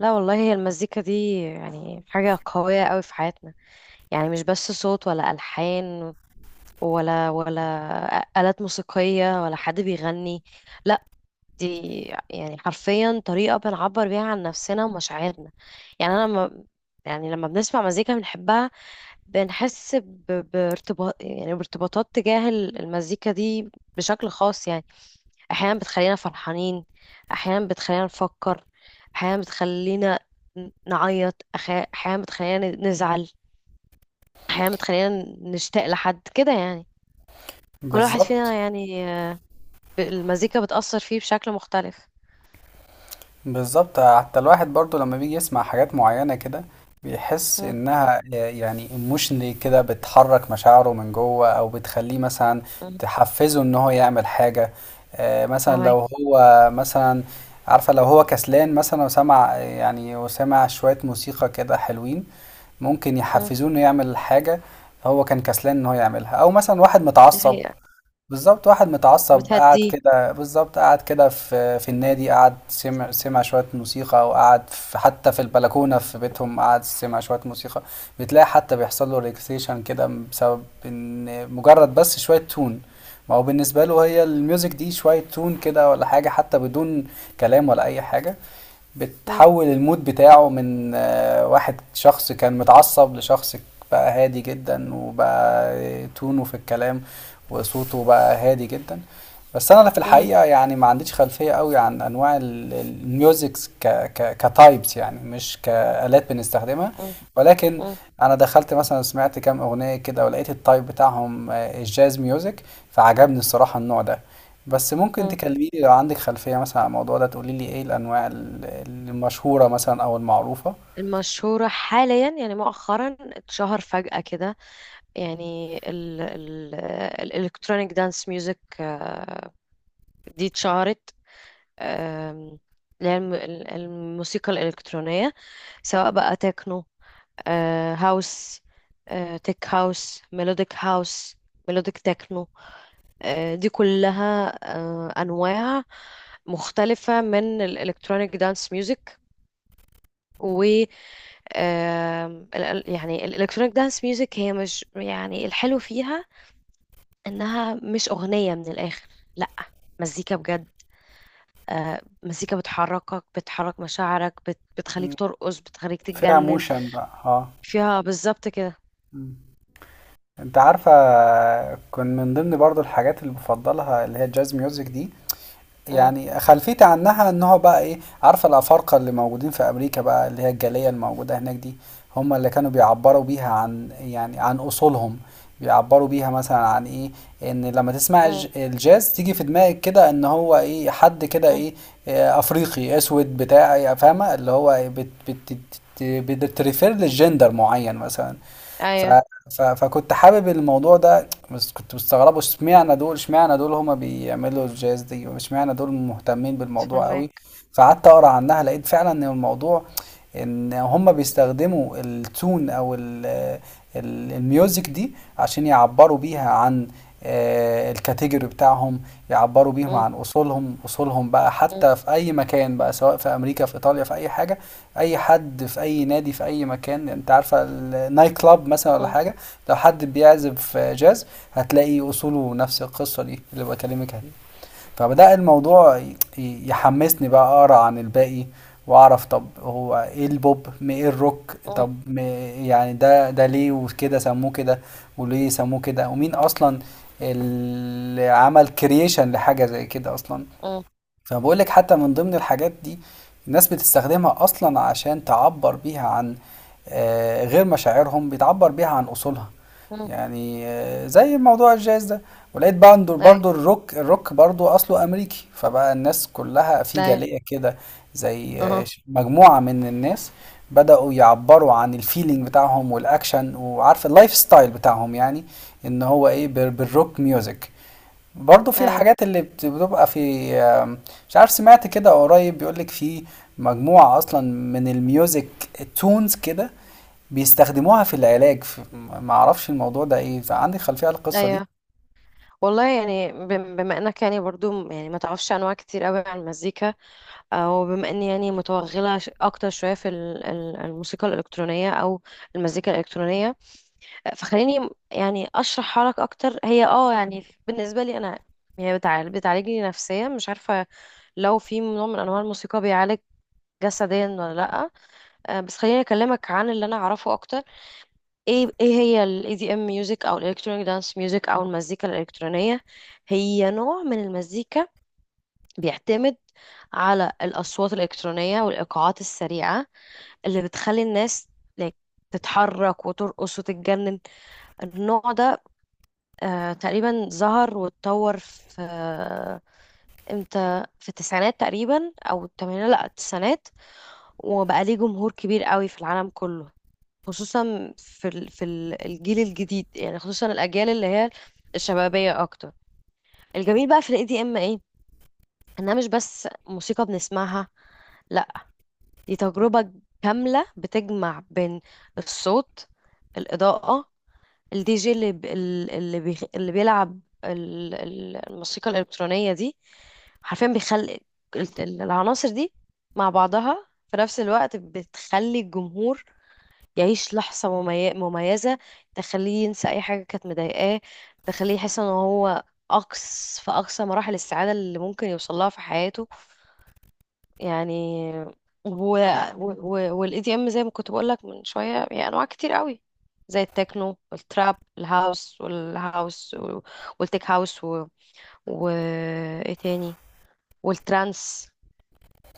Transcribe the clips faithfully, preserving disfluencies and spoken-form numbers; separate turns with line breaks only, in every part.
لا والله، هي المزيكا دي يعني حاجة قوية قوي في حياتنا. يعني مش بس صوت ولا ألحان ولا ولا آلات موسيقية ولا حد بيغني. لا، دي يعني حرفيا طريقة بنعبر بيها عن نفسنا ومشاعرنا. يعني أنا لما يعني لما بنسمع مزيكا بنحبها، بنحس ب- بارتباط، يعني بارتباطات تجاه المزيكا دي بشكل خاص يعني. احيانا بتخلينا فرحانين، احيانا بتخلينا نفكر، احيانا بتخلينا ن- نعيط، أخ- احيانا بتخلينا ن- نزعل، احيانا بتخلينا نشتاق لحد كده يعني. كل واحد
بالظبط،
فينا يعني آه، ب- المزيكا بتأثر فيه بشكل مختلف.
بالظبط، حتى الواحد برضو لما بيجي يسمع حاجات معينة كده، بيحس
مم،
انها يعني ايموشنلي كده بتحرك مشاعره من جوه، او بتخليه مثلا
مم،
تحفزه ان هو يعمل حاجة. آه، مثلا
فاهمك.
لو هو مثلا، عارفة، لو هو كسلان مثلا وسمع يعني وسمع شوية موسيقى كده حلوين، ممكن
مم،
يحفزوه انه يعمل حاجة. هو كان كسلان ان هو يعملها، او مثلا واحد
دي
متعصب.
حقيقة.
بالظبط، واحد متعصب قعد
بتهديه.
كده، بالظبط قعد كده في في النادي، قعد سمع سمع شوية موسيقى، أو قعد في حتى في البلكونة في بيتهم، قعد سمع شوية موسيقى. بتلاقي حتى بيحصل له ريلاكسيشن كده، بسبب إن مجرد بس شوية تون. ما هو بالنسبة له هي الميوزك دي شوية تون كده ولا حاجة، حتى بدون كلام ولا أي حاجة.
مم،
بتحول المود بتاعه من آه، واحد، شخص كان متعصب، لشخص بقى هادي جدا، وبقى تونه في الكلام وصوته بقى هادي جدا. بس انا في
مم،
الحقيقه يعني ما عنديش خلفيه قوي عن انواع ال- ال- الميوزكس، ك ك كتايبس يعني، مش كالات بنستخدمها.
مم،
ولكن
مم،
انا دخلت مثلا سمعت كام اغنيه كده، ولقيت التايب بتاعهم آه، الجاز ميوزك، فعجبني الصراحه النوع ده. بس ممكن
مم.
تكلميني لو عندك خلفية مثلا عن الموضوع ده، تقولي لي ايه الأنواع ال- المشهورة مثلا أو المعروفة؟
المشهورة حاليا، يعني مؤخرا اتشهر فجأة كده، يعني ال ال الالكترونيك دانس ميوزك، آه، دي اتشهرت. آم، اللي هي الم- ال- الموسيقى الإلكترونية، سواء بقى تكنو، آه، هاوس، آه، تك هاوس، ميلوديك هاوس، ميلوديك تكنو. آه، دي كلها آه، أنواع مختلفة من الإلكترونيك دانس ميوزك. و آم، ال- ال- يعني الإلكترونيك دانس ميوزك، هي مش يعني الحلو فيها إنها مش أغنية من الآخر، لأ، مزيكا بجد. آه، مزيكا بتحركك، بتحرك مشاعرك، بت... بتخليك
مم.
ترقص، بتخليك
فيها
تتجنن.
موشن بقى اه.
فيها بالظبط كده.
مم. انت عارفة، كان من ضمن برضو الحاجات اللي بفضلها اللي هي الجاز ميوزك دي.
مم،
يعني خلفيتي عنها ان هو بقى ايه، عارفة، الأفارقة اللي موجودين في أمريكا بقى، اللي هي الجالية الموجودة هناك دي، هم اللي كانوا بيعبروا بيها عن يعني عن أصولهم. بيعبروا بيها مثلا عن ايه، ان لما تسمع
مم،
الج- الجاز، تيجي في دماغك كده ان هو ايه، حد كده
مم.
ايه، آه، افريقي اسود بتاع إيه، فاهمه، اللي هو إيه، بت بت بت بتريفير للجندر معين مثلا. ف
ايوه
ف فكنت حابب الموضوع ده، بس كنت مستغربه اشمعنى دول، اشمعنى دول هما بيعملوا الجاز دي، اشمعنى دول مهتمين بالموضوع قوي.
فهمك.
فقعدت اقرا عنها، لقيت فعلا ان الموضوع، ان هم بيستخدموا التون او ال ال الميوزك دي عشان يعبروا بيها عن آه، الكاتيجوري بتاعهم. يعبروا بيهم
مم،
عن اصولهم اصولهم بقى
مم،
حتى في اي مكان بقى، سواء في امريكا، في ايطاليا، في اي حاجه. اي حد في اي نادي في اي مكان، انت عارفه النايت كلاب مثلا ولا
مم،
حاجه، لو حد بيعزف جاز هتلاقي اصوله نفس القصه دي اللي بكلمك عليها. فبدأ الموضوع ي- يحمسني بقى أقرأ عن الباقي، وأعرف طب هو إيه البوب، م- إيه الروك،
مم،
طب م- يعني ده ده ليه وكده سموه كده، وليه سموه كده، ومين أصلا اللي عمل كرييشن لحاجة زي كده أصلا.
مم،
فبقول لك حتى من ضمن الحاجات دي، الناس بتستخدمها اصلا عشان تعبر بيها عن آه، غير مشاعرهم، بتعبر بيها عن اصولها،
مم.
يعني آه، زي موضوع الجاز ده. ولقيت برضه،
ايوه.
برضه الروك الروك برضه اصله امريكي، فبقى الناس كلها في
ايوه.
جالية كده، زي آه،
اها.
ش- مجموعة من الناس بدأوا يعبروا عن الفيلينج بتاعهم والاكشن، وعارف اللايف ستايل بتاعهم يعني، ان هو ايه بال- بالروك ميوزك. برضه في
ايوه.
الحاجات اللي بت- بتبقى في آم، مش عارف، سمعت كده قريب بيقولك في مجموعة أصلا من الميوزك تونز كده بيستخدموها في العلاج. في، ما أعرفش الموضوع ده إيه، عندي خلفية عن القصة دي.
ايوه والله يعني بم- بما انك يعني برضو يعني ما تعرفش انواع كتير قوي عن المزيكا، او بما اني يعني متوغله ش- اكتر شويه في ال- ال- الموسيقى الالكترونيه او المزيكا الالكترونيه، فخليني يعني اشرح حالك اكتر. هي اه يعني بالنسبه لي انا، هي بتعالج بتعالجني نفسيا. مش عارفه لو في نوع من انواع الموسيقى بيعالج جسديا ولا لا. آه، بس خليني اكلمك عن اللي انا اعرفه اكتر. ايه ايه هي الاي دي ام ميوزك او الالكترونيك دانس ميوزك او المزيكا الالكترونيه. هي نوع من المزيكا بيعتمد على الاصوات الالكترونيه والايقاعات السريعه اللي بتخلي الناس like تتحرك وترقص وتتجنن. النوع ده آه، تقريبا ظهر واتطور في آه، امتى، في التسعينات تقريبا او الثمانينات، لا التسعينات، وبقى ليه جمهور كبير قوي في العالم كله، خصوصا في ال... في ال- الجيل الجديد، يعني خصوصا الاجيال اللي هي الشبابيه اكتر. الجميل بقى في الاي دي ام ايه؟ انها مش بس موسيقى بنسمعها، لا، دي تجربه كامله بتجمع بين الصوت، الاضاءه، الدي جي اللي ب... ال- اللي بيخ... اللي بيلعب ال... ال- الموسيقى الإلكترونية دي. حرفيا بيخلي ال- ال- العناصر دي مع بعضها في نفس الوقت بتخلي الجمهور يعيش لحظة ممي- مميزة، تخليه ينسى أي حاجة كانت مضايقاه، تخليه يحس إن هو أقص في أقصى مراحل السعادة اللي ممكن يوصلها في حياته يعني. و... و... والاي دي ام، زي ما كنت بقول لك من شويه، هي انواع كتير قوي، زي التكنو، التراب، الهاوس والهاوس و- والتك هاوس و... و... ايه تاني، والترانس،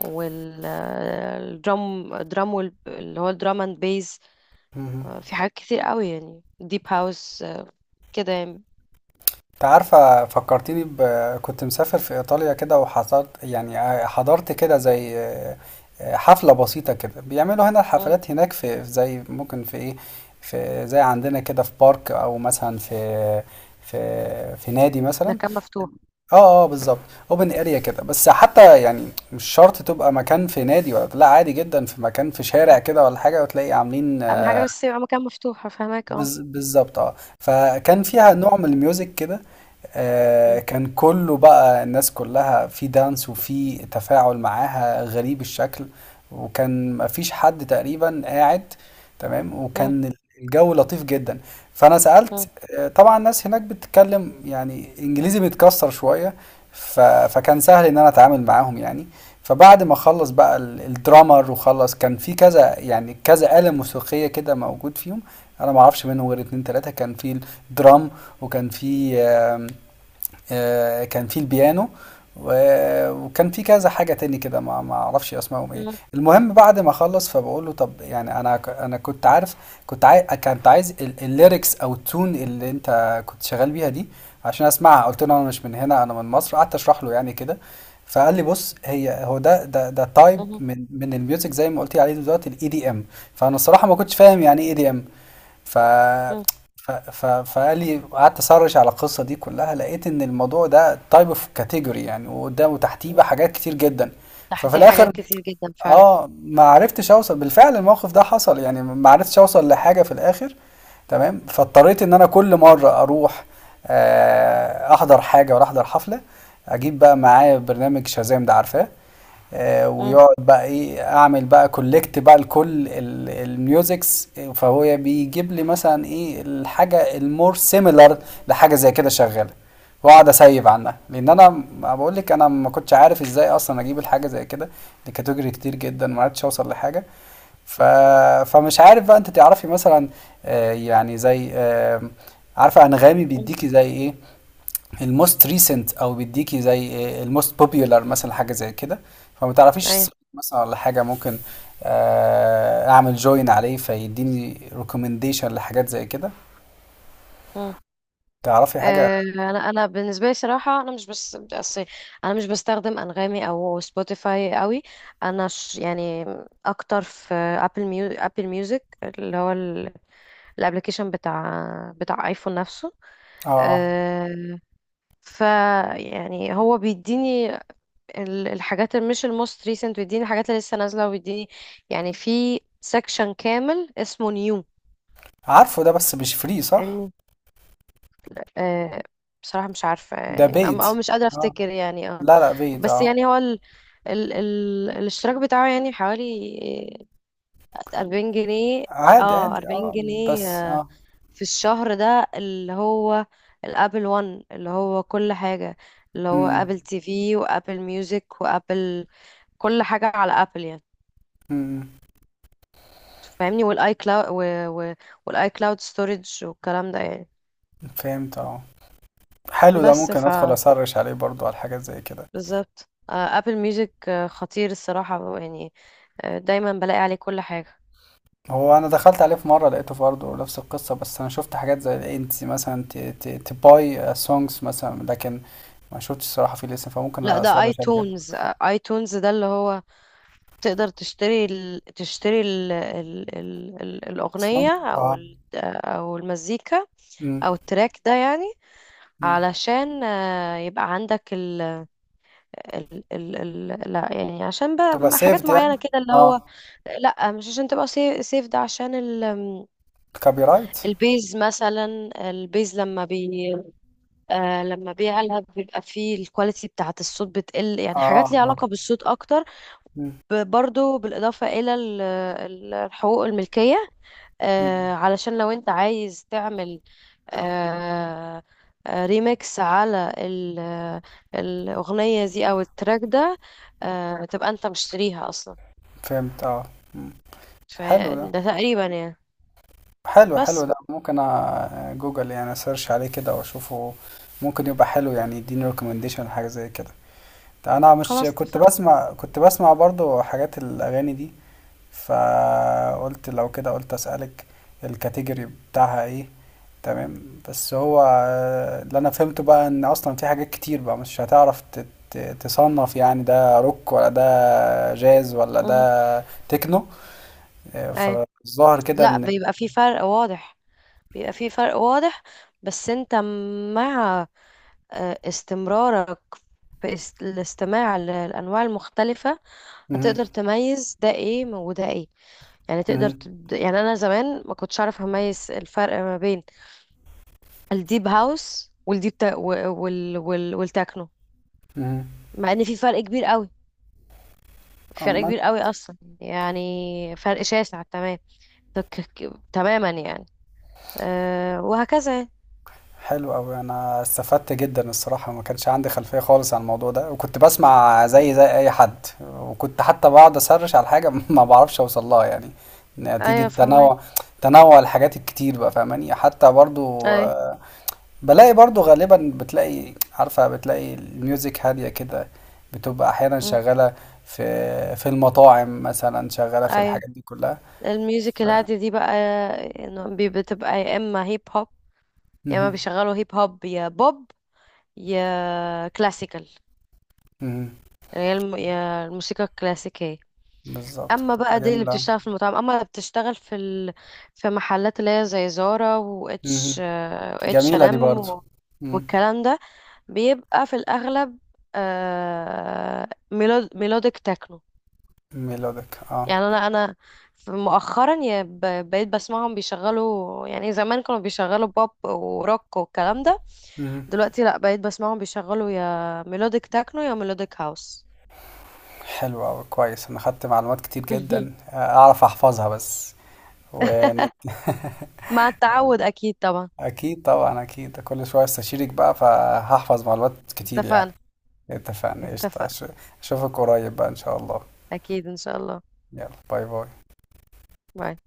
والدرام درام وال... اللي هو الدرام اند بيز.
مهم.
في حاجات كتير قوي يعني، ديب هاوس آه، كده يعني.
أنت عارفة، فكرتيني ب... كنت مسافر في إيطاليا كده وحضرت يعني، حضرت كده زي آه، آه، حفلة بسيطة كده، بيعملوا هنا
مم.
الحفلات هناك، في زي ممكن في إيه، في زي عندنا كده في بارك، أو مثلا في في في نادي مثلا.
مكان مفتوح.
اه. اه بالظبط. اوبن اريا كده، بس حتى يعني مش شرط تبقى مكان في نادي ولا لا، عادي جدا في مكان في شارع
مم.
كده ولا حاجه، وتلاقي عاملين
اهم
آه،
حاجه بس يبقى مكان مفتوح، فاهمك اه.
بز- بالظبط اه، فكان فيها نوع من الميوزك كده. آه،
مم.
كان كله بقى الناس كلها في دانس وفي تفاعل معاها غريب الشكل، وكان مفيش حد تقريبا قاعد. تمام،
مم.
وكان الجو لطيف جدا. فانا سألت،
مم.
آه، طبعا الناس هناك بتتكلم يعني انجليزي بيتكسر شوية، ف... فكان سهل ان انا اتعامل معاهم يعني. فبعد ما خلص بقى ال- الدرامر وخلص، كان في كذا يعني كذا آلة موسيقية كده موجود فيهم، انا ما اعرفش منهم غير اتنين تلاتة. كان في الدرام، وكان في آم، آه، كان في البيانو، و- وكان في كذا حاجة تاني كده، ما ما اعرفش اسمائهم ايه.
مم.
المهم بعد ما خلص، فبقول له طب يعني انا ك- انا كنت عارف، كنت عايز كنت عايز ال- الليركس او التون اللي انت كنت شغال بيها دي عشان اسمعها. قلت له انا مش من هنا، انا من مصر، قعدت اشرح له يعني كده. فقال لي بص، هي هو ده ده ده تايب من من الميوزك، زي ما قلت عليه دلوقتي، الاي دي ام. فانا الصراحة ما كنتش فاهم يعني ايه اي دي ام. ف
مم.
ف... ف... فقال لي، قعدت اسرش على القصه دي كلها، لقيت ان الموضوع ده تايب اوف كاتيجوري يعني، وقدام وتحتيه
مم.
بقى حاجات كتير جدا.
صح،
ففي
دي
الاخر،
حاجات كتير جدا فعلا.
اه، ما عرفتش اوصل. بالفعل الموقف ده حصل يعني، ما عرفتش اوصل لحاجه في الاخر. تمام، فاضطريت ان انا كل مره اروح آه، احضر حاجه، ولا احضر حفله، اجيب بقى معايا برنامج شازام ده، عارفاه؟ آه،
مم.
ويقعد بقى ايه اعمل بقى كولكت بقى لكل ال- الميوزكس. فهو بيجيب لي مثلا ايه الحاجه المور سيميلر لحاجه زي كده شغاله، واقعد اسيب عنها، لان انا، ما بقول لك، انا ما كنتش عارف ازاي اصلا اجيب الحاجه زي كده. دي كاتيجوري كتير جدا، ما عرفتش اوصل لحاجه. ف... فمش عارف بقى انت تعرفي مثلا آه، يعني زي آه، عارفه انغامي
مم.
بيديكي زي ايه الموست ريسنت، او بيديكي زي إيه الموست بوبيولار مثلا، حاجه زي كده. فما تعرفيش
ايوه.
السايت مثلا ولا حاجه، ممكن آه، اعمل جوين عليه فيديني ريكومنديشن لحاجات زي كده،
مم.
تعرفي حاجه؟
آه، انا انا بالنسبه لي صراحه، انا مش بس أصل انا مش بستخدم انغامي او سبوتيفاي قوي. انا ش يعني اكتر في ابل ميو ابل ميوزك، اللي هو الابلكيشن بتاع بتاع ايفون نفسه.
اه.
أه. ف يعني هو بيديني ال- الحاجات اللي مش الموست ريسنت، بيديني الحاجات اللي لسه نازله، وبيديني يعني في سكشن كامل اسمه نيو.
عارفه ده بس مش فري، صح؟
آه، بصراحة مش عارفة
ده
يعني أم-
بيت.
أو مش قادرة
اه.
أفتكر يعني اه.
لا لا، بيت
بس
اه.
يعني هو ال... ال... ال... الاشتراك بتاعه يعني حوالي أربعين جنيه.
عادي
اه
عادي
أربعين
اه.
جنيه
بس
آه،
اه.
في الشهر. ده اللي هو الابل وان، اللي هو كل حاجة، اللي هو
امم.
ابل تي في، وابل ميوزك، وابل، كل حاجة على ابل يعني،
امم.
فاهمني. والاي كلاود، والاي كلاود ستورج والكلام ده يعني.
فهمت اه. حلو ده،
بس
ممكن ادخل اسرش عليه برضو على حاجات زي كده.
بالظبط ابل ميوزك خطير الصراحة يعني. آه، دايما بلاقي عليه كل حاجة.
هو انا دخلت عليه في مره، لقيته برضه نفس القصه، بس انا شفت حاجات زي انت مثلا تباي سونجز مثلا، لكن ما شفتش الصراحه فيه لسه، فممكن
لا، ده اي
اسرش عليه كده.
تونز. اي تونز ده اللي هو تقدر تشتري ال... تشتري ال... ال... ال... ال... الأغنية،
سونج
او
اه.
ال... آه، او المزيكا،
امم.
او التراك ده يعني،
امم.
علشان آه، يبقى عندك ال... ال... ال... ال... لا يعني عشان
تبقى
بقى حاجات
سيفد يعني؟
معينة كده اللي هو،
اه.
لا مش عشان تبقى سيف سيف. ده عشان ال...
كوبي رايت.
البيز، مثلا البيز لما بي آه، لما بيعلى بيبقى فيه الكواليتي بتاعة الصوت بتقل، يعني حاجات
اه.
ليها
اه.
علاقة بالصوت أكتر.
امم.
ب- برضو بالإضافة إلى ال- ال- الحقوق الملكية. آه
امم.
علشان لو أنت عايز تعمل آه آه، ريميكس على ال- الأغنية دي أو التراك ده، آه تبقى أنت مشتريها أصلا.
فهمت اه. حلو ده.
فده تقريبا يعني.
حلو، حلو
بس
ده، ممكن أ- جوجل يعني سيرش عليه كده واشوفه، ممكن يبقى حلو يعني، يديني ريكومنديشن حاجه زي كده. ده انا مش
خلاص،
كنت
اتفقنا.
بسمع كنت بسمع برضو حاجات الاغاني دي. فقلت لو كده، قلت اسالك الكاتيجوري بتاعها ايه. تمام. بس هو آه، اللي انا فهمته بقى ان اصلا في حاجات كتير بقى مش هتعرف ت- ت- تصنف يعني، ده روك، ولا ده جاز، ولا
مم.
ده تكنو. آه،
أيوة،
فالظاهر كده
لا،
ان،
بيبقى فيه فرق واضح بيبقى فيه فرق واضح. بس انت مع آه، استمرارك في است- الاستماع للأنواع المختلفة،
مهم.
هتقدر تميز ده ايه وده ايه، يعني تقدر
مهم.
تد... يعني أنا زمان ما كنتش أعرف أميز الفرق ما بين الديب هاوس والديب تا... و- وال... وال... والتكنو،
مهم.
مع إن في فرق كبير قوي في فرق
أما،
كبير قوي أصلا، يعني فرق شاسع تمام. تك... ك- تماما يعني. أه وهكذا يعني.
حلو أوي، أنا استفدت جدا الصراحة. ما كانش عندي خلفية خالص عن الموضوع ده، وكنت بسمع زي زي أي حد، وكنت حتى بقعد أسرش على حاجة ما بعرفش أوصل لها، يعني نتيجة
أيوة فهمك.
تنوع تنوع الحاجات الكتير بقى، فاهماني؟ حتى برضو
أيوة.
آه، بلاقي، برضو غالبا بتلاقي، عارفة، بتلاقي الميوزك هادية كده، بتبقى أحيانا
مم.
شغالة في في المطاعم مثلا، شغالة في
أيوة.
الحاجات دي كلها.
الميوزك
ف...
الهادية دي بقى، آه، إنه بي- بتبقى يا إما هيب هوب، يا ما
مهم.
بيشغلوا هيب هوب، يا بوب، يا كلاسيكال.
مهم.
يعني هي الم- يا الموسيقى الكلاسيكية.
بالظبط،
اما
بتبقى
بقى دي اللي
جميلة.
بتشتغل في المطاعم، اما اللي بتشتغل في ال... في محلات اللي هي زي زارا، واتش
مهم.
اتش ان
جميلة دي
ام، و... إتش آند إم
برضو.
و-
مم.
والكلام ده، بيبقى في الاغلب آه... ميلود... ميلوديك تكنو.
ميلودك اه.
يعني انا انا في- مؤخرا يا ب... بقيت بسمعهم بيشغلوا، يعني زمان كانوا بيشغلوا بوب وروك والكلام ده،
مهم.
دلوقتي لا، بقيت بسمعهم بيشغلوا يا ميلوديك تكنو يا ميلوديك هاوس.
حلوة أوي كويس، أنا خدت معلومات كتير جدا، آه، أعرف أحفظها بس. ون...
مع التعود، اكيد طبعا.
أكيد طبعا. أكيد، كل شوية استشيرك بقى فهحفظ معلومات كتير يعني.
اتفقنا.
اتفقنا. قشطة.
اتفقنا.
أش- أشوفك قريب بقى إن شاء الله.
اكيد ان شاء الله.
يلا باي باي.
باي.